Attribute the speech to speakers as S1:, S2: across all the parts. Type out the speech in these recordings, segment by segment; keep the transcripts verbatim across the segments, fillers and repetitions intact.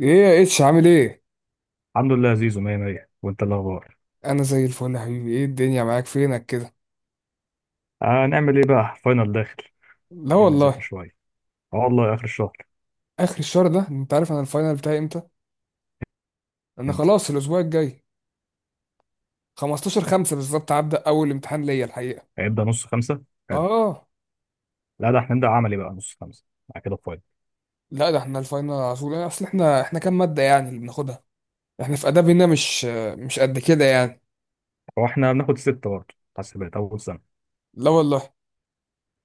S1: ايه يا اتش عامل ايه؟
S2: الحمد لله يا زيزو، مية مية. وانت إيه الاخبار؟
S1: انا زي الفل يا حبيبي، ايه الدنيا معاك؟ فينك كده؟
S2: آه، نعمل ايه بقى؟ فاينل داخل.
S1: لا
S2: قاعدين بنذاكر
S1: والله.
S2: شويه. اه والله، اخر الشهر.
S1: اخر الشهر ده؟ انت عارف انا الفاينل بتاعي امتى؟ انا
S2: امتى؟
S1: خلاص الاسبوع الجاي، خمستاشر خمسة بالظبط هبدا اول امتحان ليا الحقيقه.
S2: هيبدأ نص خمسة. حلو.
S1: اه.
S2: لا، ده احنا هنبدأ عملي بقى نص خمسة. بعد كده فاينل.
S1: لا ده احنا الفاينل على طول، اصل احنا احنا كام ماده يعني اللي بناخدها؟ احنا في اداب هنا، مش مش قد كده يعني.
S2: هو احنا بناخد ستة برضه، حاسبات اول سنه.
S1: لا والله.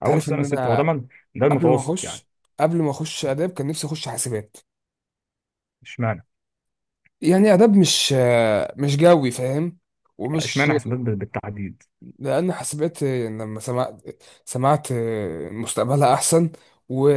S1: انت
S2: اول
S1: عارف ان
S2: سنه ستة، هو ده
S1: انا
S2: من- ده
S1: قبل ما
S2: المتوسط يعني.
S1: اخش قبل ما اخش اداب كان نفسي اخش حاسبات.
S2: اشمعنى؟
S1: يعني اداب مش مش جوي فاهم،
S2: يعني
S1: ومش
S2: اشمعنى حاسبات بال- بالتحديد؟
S1: لأن حسبت لما سمعت سمعت مستقبلها أحسن و...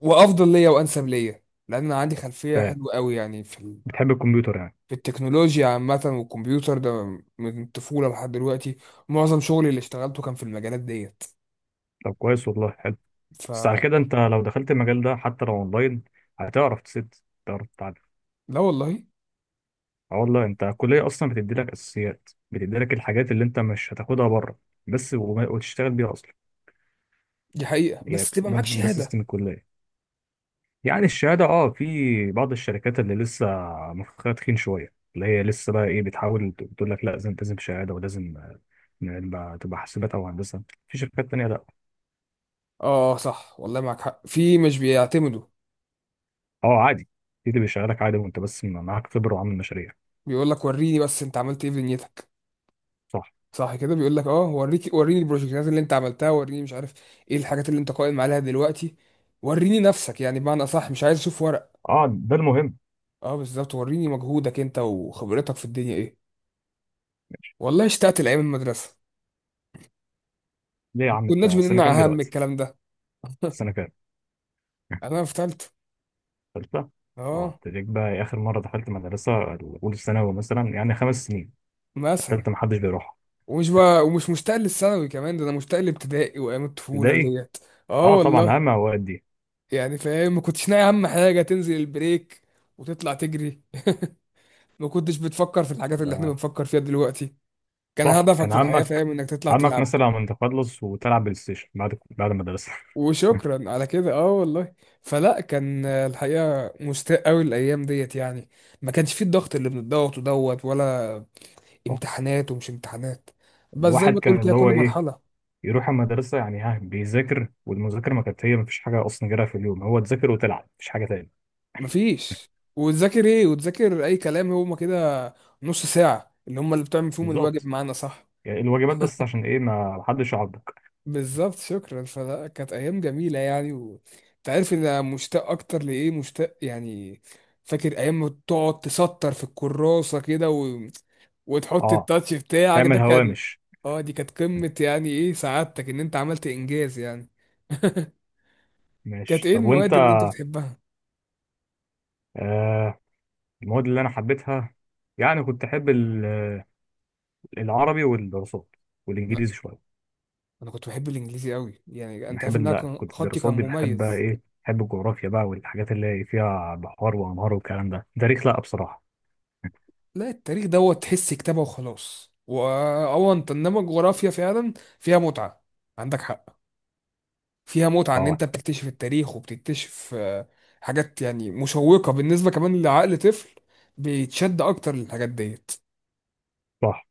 S1: وأفضل ليا وأنسب ليا، لأن أنا عندي
S2: ف
S1: خلفية حلوة قوي يعني في ال...
S2: بتحب الكمبيوتر يعني؟
S1: في التكنولوجيا عامة، والكمبيوتر ده من الطفولة لحد دلوقتي. معظم شغلي اللي اشتغلته كان في المجالات ديت.
S2: طب كويس والله، حلو.
S1: ف
S2: بس على كده انت لو دخلت المجال ده، حتى لو اونلاين، هتعرف تسد. تعرف؟
S1: لا والله.
S2: اه والله، انت الكليه اصلا بتدي لك اساسيات، بتدي لك الحاجات اللي انت مش هتاخدها بره. بس وما- وتشتغل بيها اصلا.
S1: دي حقيقة،
S2: يعني
S1: بس تبقى
S2: ده
S1: معاك
S2: ده
S1: شهادة.
S2: سيستم الكليه. يعني الشهاده، اه في بعض الشركات اللي لسه مخها تخين شويه، اللي هي لسه بقى ايه، بتحاول ت- تقول لك لا، لازم لازم شهاده ولازم، آه، نبقى- تبقى حاسبات او هندسه. في شركات تانيه لا.
S1: اه صح والله، معاك حق في مش بيعتمدوا.
S2: اه عادي. في اللي بيشغلك عادي وانت بس معاك خبره وعامل مشاريع.
S1: بيقول لك وريني بس انت عملت ايه في دنيتك.
S2: صح.
S1: صح كده، بيقول لك اه، وريك وريني البروجكتات اللي انت عملتها، وريني مش عارف ايه الحاجات اللي انت قائم عليها دلوقتي. وريني نفسك، يعني بمعنى اصح مش عايز اشوف ورق.
S2: اه، ده المهم.
S1: اه بالظبط، وريني مجهودك انت وخبرتك في الدنيا ايه. والله اشتقت لايام المدرسه،
S2: ليه يا
S1: ما
S2: عم؟
S1: كناش
S2: انت سنه كام
S1: بنمنع اهم
S2: دلوقتي؟
S1: الكلام ده.
S2: سنه كام؟
S1: انا في ثالثه.
S2: ثالثة؟ اه،
S1: اه.
S2: ابتديت بقى إيه، آخر مرة دخلت مدرسة أولى ثانوي مثلا، يعني خمس سنين.
S1: مثلا.
S2: التالتة محدش بيروحها.
S1: ومش بقى ومش مشتاق للثانوي كمان، ده انا مشتاق لابتدائي وايام الطفوله
S2: ابتدائي؟
S1: ديت. اه
S2: اه طبعا،
S1: والله.
S2: عامة أوقات دي.
S1: يعني فاهم، ما كنتش ناقي اهم حاجه تنزل البريك وتطلع تجري. ما كنتش بتفكر في الحاجات اللي احنا
S2: ده
S1: بنفكر فيها دلوقتي. كان
S2: صح،
S1: هدفك
S2: كان
S1: في الحقيقة
S2: عمك.
S1: فاهم انك تطلع
S2: عمك
S1: تلعب.
S2: مثلا من تخلص وتلعب بلاي ستيشن بعد بعد المدرسة.
S1: وشكرا على كده، اه والله. فلا كان آه، الحقيقة مستاء قوي الايام ديت يعني. ما كانش فيه الضغط اللي بنضغط ودوت، ولا
S2: صح.
S1: امتحانات ومش امتحانات. بس زي
S2: الواحد
S1: ما تقول
S2: كان
S1: كده،
S2: اللي
S1: كل
S2: هو ايه،
S1: مرحلة.
S2: يروح المدرسة، يعني ها بيذاكر، والمذاكرة ما كانت هي، مفيش حاجة أصلا غيرها في اليوم، هو تذاكر وتلعب، مفيش حاجة تاني.
S1: مفيش. وتذاكر ايه، وتذاكر اي كلام، هما كده نص ساعة اللي هما اللي بتعمل فيهم الواجب
S2: بالظبط.
S1: معانا، صح.
S2: يعني الواجبات بس، عشان ايه؟ ما حدش يعضك.
S1: بالظبط، شكرا. فلا كانت ايام جميله يعني و... انت عارف ان انا مشتاق اكتر لايه مشتاق يعني؟ فاكر ايام ما تقعد تسطر في الكراسه كده و... وتحط
S2: اه،
S1: التاتش بتاعك،
S2: تعمل
S1: ده كان.
S2: هوامش.
S1: اه دي كانت قمه، يعني ايه سعادتك ان انت عملت انجاز يعني. كانت
S2: ماشي،
S1: ايه
S2: طب وانت؟
S1: المواد اللي انت بتحبها؟
S2: آه، المواد اللي انا حبيتها، يعني كنت احب ال- العربي والدراسات
S1: لا
S2: والانجليزي شويه.
S1: انا كنت بحب الانجليزي قوي، يعني انت عارف
S2: بحب
S1: ان انا
S2: ال...
S1: كان-
S2: كنت
S1: خطي كان
S2: الدراسات دي بحبها،
S1: مميز.
S2: ايه، بحب الجغرافيا بقى والحاجات اللي فيها بحار وانهار والكلام ده. تاريخ لا بصراحه.
S1: لا التاريخ دوت تحس كتابه وخلاص، واه انت انما الجغرافيا فعلا فيها متعه. عندك حق، فيها متعة ان
S2: اه
S1: انت بتكتشف التاريخ وبتكتشف آه، حاجات يعني مشوقة، بالنسبة كمان لعقل طفل بيتشد اكتر للحاجات ديت.
S2: صح.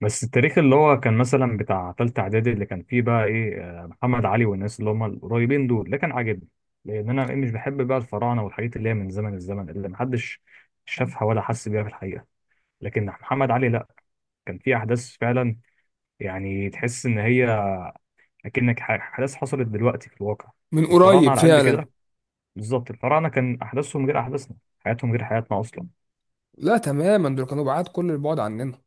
S2: بس التاريخ اللي هو كان مثلا بتاع تالتة اعدادي، اللي كان فيه بقى ايه، آه، محمد علي والناس اللي هم القريبين دول، ده كان عاجبني. لان انا إيه، مش بحب بقى الفراعنه والحاجات اللي هي من زمن الزمن، اللي محدش شافها ولا حس بيها في الحقيقه. لكن محمد علي، لا، كان فيه احداث فعلا. يعني تحس ان هي، لكنك ح- احداث حصلت دلوقتي في الواقع.
S1: من
S2: الفراعنه
S1: قريب
S2: على قد
S1: فعلا.
S2: كده. بالظبط، الفراعنه كان احداثهم غير احداثنا، حياتهم غير حياتنا اصلا.
S1: لا تماما، دول كانوا بعاد كل البعد عننا.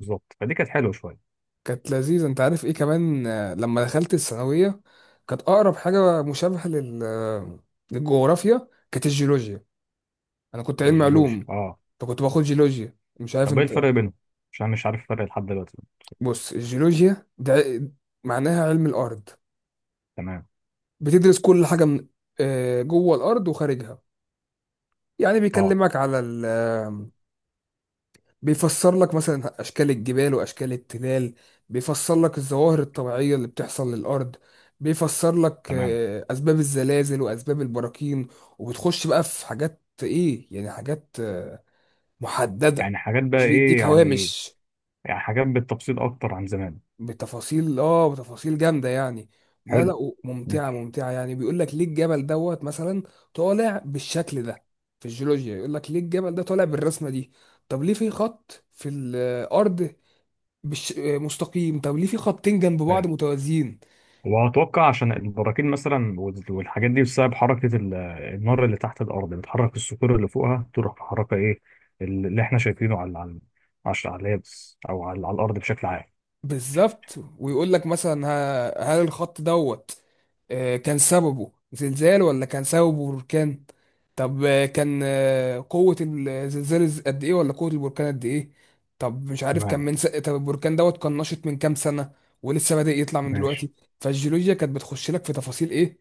S2: بالظبط، فدي كانت حلوه شويه.
S1: كانت لذيذة. انت عارف ايه كمان آه، لما دخلت الثانوية، كانت اقرب حاجة مشابهة لل آه، للجغرافيا كانت الجيولوجيا. انا كنت علمي
S2: الجيولوجيا،
S1: علوم،
S2: اه.
S1: فكنت باخد جيولوجيا، مش عارف
S2: طب ايه
S1: انت.
S2: الفرق بينهم؟ عشان مش عارف الفرق لحد دلوقتي.
S1: بص الجيولوجيا ده معناها علم الارض.
S2: تمام.
S1: بتدرس كل حاجة من آه، جوه الأرض وخارجها. يعني
S2: اه.
S1: بيكلمك على ال آه، بيفسر لك مثلا أشكال الجبال وأشكال التلال، بيفسر لك الظواهر الطبيعية اللي بتحصل للأرض، بيفسر لك
S2: تمام.
S1: آه، أسباب الزلازل وأسباب البراكين. وبتخش بقى في حاجات إيه يعني، حاجات آه، محددة،
S2: يعني حاجات بقى
S1: مش
S2: ايه
S1: بيديك
S2: يعني؟
S1: هوامش.
S2: يعني حاجات بالتفصيل اكتر عن زمان؟
S1: بتفاصيل، اه بتفاصيل جامده يعني. لا لا
S2: حلو.
S1: ممتعه
S2: ماشي.
S1: ممتعه يعني بيقول لك ليه الجبل دوت مثلا طالع بالشكل ده. في الجيولوجيا يقول لك ليه الجبل ده طالع بالرسمه دي، طب ليه في خط في الارض بالش... آه، مستقيم، طب ليه في خطين جنب
S2: آه.
S1: بعض متوازيين.
S2: وأتوقع عشان البراكين مثلا وال- والحاجات دي، بسبب حركة ال- النار اللي تحت الأرض، بتحرك الصخور اللي فوقها، تروح محركة إيه اللي إحنا شايفينه على على عش- على اليابس، أو على, على الأرض بشكل عام.
S1: بالظبط، ويقول لك مثلا ه- هل الخط دوت آه، كان سببه زلزال ولا كان سببه بركان؟ طب آه، كان آه، قوة الزلزال از- قد ايه، ولا قوة البركان قد ايه؟ طب مش عارف كان
S2: تمام،
S1: من س... طب البركان دوت كان نشط من كام سنة، ولسه بادئ يطلع من
S2: ماشي.
S1: دلوقتي. فالجيولوجيا كانت بتخش لك في تفاصيل ايه،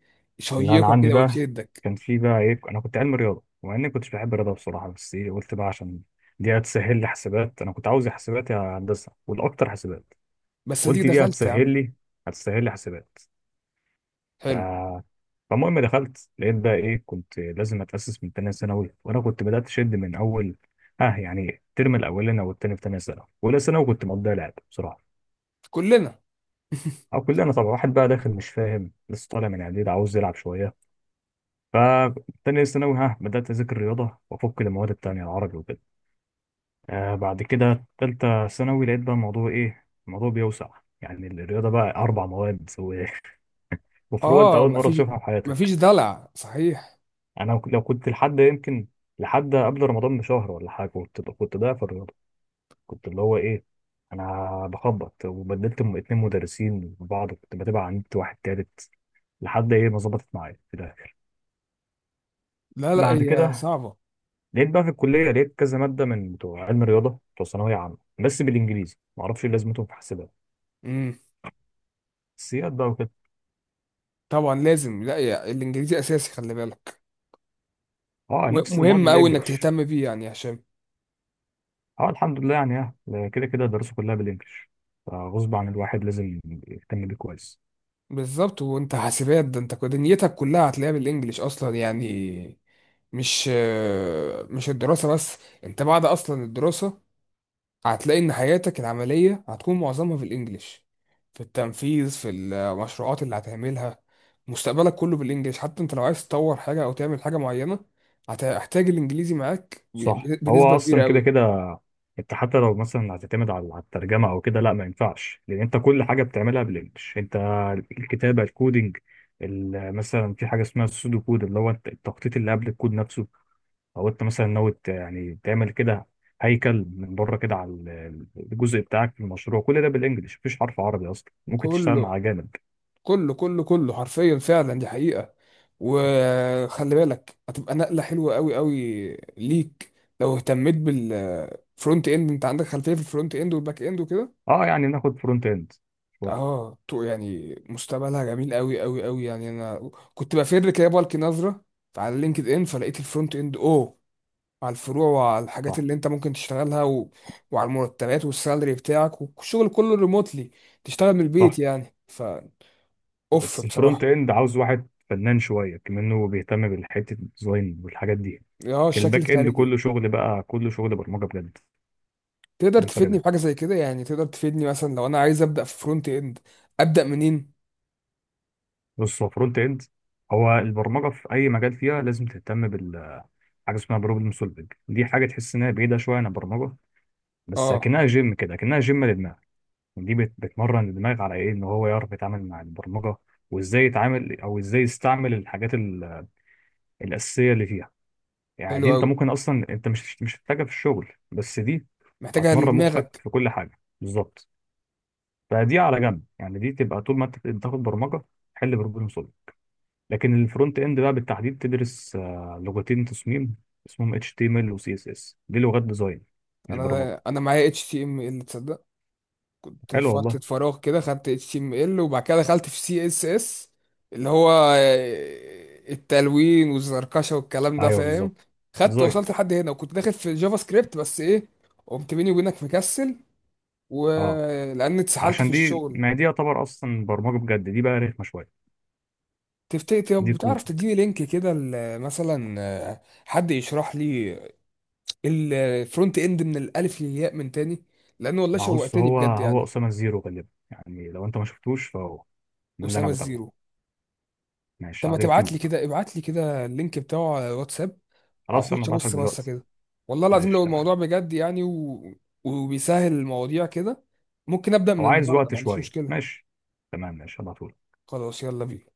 S2: اللي أنا
S1: شيقة
S2: عندي
S1: كده
S2: بقى،
S1: وتشدك.
S2: كان في بقى إيه، أنا كنت علم رياضة. ومع إني كنتش بحب الرياضة بصراحة، بس إيه، قلت بقى عشان دي هتسهل لي حسابات. أنا كنت عاوز يا حسابات يا هندسة، والأكتر حسابات.
S1: بس دي
S2: قلت دي
S1: دخلت يا عم.
S2: هتسهل لي، هتسهل لي حسابات.
S1: حلو.
S2: فالمهم دخلت، لقيت بقى ايه، كنت لازم اتاسس من تانية ثانوي، وانا كنت بدات اشد من اول. اه يعني الترم الاولاني او التاني في تانية ثانوي. اولى ثانوي كنت مقضيها لعب بصراحه.
S1: كلنا.
S2: او كلنا طبعا، واحد بقى داخل مش فاهم، لسه طالع من اعداد، عاوز يلعب شويه. فتانية ثانوي ها بدات اذاكر رياضه وافك المواد التانية، العربي وكده. آه، بعد كده تالتة ثانوي لقيت بقى الموضوع ايه، الموضوع بيوسع. يعني الرياضه بقى اربع مواد و- وفروع انت
S1: اه.
S2: اول مره
S1: مفيش
S2: تشوفها في
S1: مفيش
S2: حياتك.
S1: دلع صحيح.
S2: يعني انا لو كنت لحد يمكن، لحد قبل رمضان بشهر ولا حاجه، كنت كنت ضايع في الرياضه. كنت اللي هو ايه، انا بخبط، وبدلت م- اتنين مدرسين ببعض، كنت بتابع عن نت واحد تالت، لحد ايه، ما ظبطت معايا في الاخر.
S1: لا لا،
S2: بعد
S1: هي
S2: كده
S1: صعبة.
S2: لقيت بقى في الكليه، لقيت كذا ماده من بتوع علم الرياضه بتوع ثانويه عامه، بس بالانجليزي. ما اعرفش ايه لازمتهم في حاسبات، السياد بقى وكده.
S1: طبعا لازم، لا يا الانجليزي اساسي، خلي بالك.
S2: اه،
S1: و-
S2: نفس المواد
S1: مهم قوي انك
S2: بالانجلش.
S1: تهتم بيه يعني يا هشام.
S2: اه الحمد لله، يعني اه كده كده الدراسه كلها بالانجلش، فغصب عن الواحد لازم يهتم بيه كويس.
S1: بالظبط، وانت حاسبات ده انت دنيتك كلها هتلاقيها بالانجليش اصلا يعني، مش مش الدراسة بس. انت بعد اصلا الدراسة هتلاقي ان حياتك العملية هتكون معظمها في الانجليش، في التنفيذ، في المشروعات اللي هتعملها. مستقبلك كله بالانجليش، حتى انت لو عايز تطور حاجة او تعمل حاجة معينة هتحتاج الانجليزي معاك
S2: صح،
S1: ب- بنسبة
S2: هو
S1: كبيرة
S2: اصلا كده
S1: قوي.
S2: كده. انت حتى لو مثلا هتعتمد على على الترجمه او كده، لا ما ينفعش، لان انت كل حاجه بتعملها بالانجلش. انت الكتابه، الكودينج، ال- مثلا في حاجه اسمها السودو كود، اللي هو الت- التخطيط اللي قبل الكود نفسه. او انت مثلا ناوي ت- يعني تعمل كده هيكل من بره كده على ال- الجزء بتاعك في المشروع. كل ده بالانجلش، مفيش حرف عربي اصلا ممكن تشتغل
S1: كله
S2: مع جانب.
S1: كله كله كله حرفيا فعلا، دي حقيقة. وخلي بالك هتبقى نقلة حلوة قوي قوي ليك. لو اهتميت بالفرونت اند، انت عندك خلفية في الفرونت اند والباك اند وكده.
S2: اه، يعني ناخد فرونت اند شويه.
S1: اه تو- يعني مستقبلها جميل قوي قوي قوي، يعني انا كنت بفر كده بلقي نظرة على لينكد ان، فلقيت الفرونت اند اوه، على الفروع وعلى الحاجات
S2: صح،
S1: اللي انت ممكن تشتغلها و... وعلى المرتبات والسالري بتاعك، والشغل كله ريموتلي تشتغل من البيت
S2: صح.
S1: يعني. ف اوف
S2: بس الفرونت
S1: بصراحة،
S2: اند عاوز واحد فنان شويه كمان، هو بيهتم بالحته الديزاين والحاجات دي.
S1: اه
S2: لكن
S1: الشكل
S2: الباك اند
S1: الخارجي.
S2: كله شغل بقى، كله شغل برمجه بجد.
S1: تقدر
S2: ده الفرق
S1: تفيدني
S2: بينهم.
S1: بحاجة زي كده يعني؟ تقدر تفيدني مثلا لو انا عايز ابدأ في فرونت اند، ابدأ منين؟
S2: بص، هو فرونت اند، هو البرمجه في اي مجال، فيها لازم تهتم بالحاجه اسمها بروبلم سولفنج. دي حاجه تحس انها بعيده شويه عن البرمجه، بس
S1: اه
S2: اكنها جيم كده، اكنها جيم للدماغ. دي بت- بتمرن الدماغ على ايه، ان هو يعرف يتعامل مع البرمجه، وازاي يتعامل او ازاي يستعمل الحاجات ال- الاساسيه اللي فيها. يعني
S1: حلو
S2: دي انت
S1: قوي،
S2: ممكن اصلا انت مش مش هتحتاجها في الشغل، بس دي
S1: محتاجها
S2: هتمرن مخك
S1: لدماغك.
S2: في كل حاجه بالظبط. فدي على جنب يعني، دي تبقى طول ما انت بتاخد برمجه، حل بروبلم سولف. لكن الفرونت اند بقى بالتحديد، تدرس آه، لغتين تصميم، اسمهم اتش تي ام ال و سي اس اس، دي لغات ديزاين، مش برمجه.
S1: انا انا معايا اتش تي ام ال، تصدق؟ في
S2: حلو
S1: فترة
S2: والله.
S1: فراغ كده خدت اتش تي ام ال، وبعد كده دخلت في سي اس اس، اللي هو آه، التلوين والزركشة والكلام ده
S2: ايوه
S1: فاهم.
S2: بالظبط.
S1: خدت
S2: ديزاين.
S1: وصلت لحد هنا، وكنت داخل في جافا سكريبت، بس ايه، قمت بيني وبينك مكسل،
S2: اه،
S1: ولان اتسحلت في
S2: عشان دي
S1: الشغل.
S2: ما دي يعتبر اصلا برمجه بجد، دي بقى رخمه شويه.
S1: تفتكر طب
S2: دي كود.
S1: بتعرف تديني لينك كده ل- مثلا آه، حد يشرح لي الفرونت اند من الالف للياء من تاني، لان والله
S2: ما هو بص،
S1: شوقتني
S2: هو
S1: بجد
S2: هو
S1: يعني.
S2: اسامه زيرو غالبا. يعني لو انت ما شفتوش، فهو ده اللي انا
S1: اسامه
S2: بتابعه.
S1: الزيرو؟ طب
S2: ماشي على
S1: ما تبعت
S2: اليوتيوب.
S1: لي كده، ابعت لي كده اللينك بتاعه على واتساب،
S2: خلاص، انا
S1: اخش
S2: بعتلك
S1: ابص بصه
S2: دلوقتي.
S1: كده. والله العظيم
S2: ماشي
S1: لو
S2: تمام.
S1: الموضوع بجد يعني و... وبيسهل المواضيع كده، ممكن ابدا من
S2: او عايز
S1: النهارده،
S2: وقت
S1: ما عنديش
S2: شويه،
S1: مشكله.
S2: ماشي. تمام، ماشي، هبعتهولك.
S1: خلاص يلا بينا.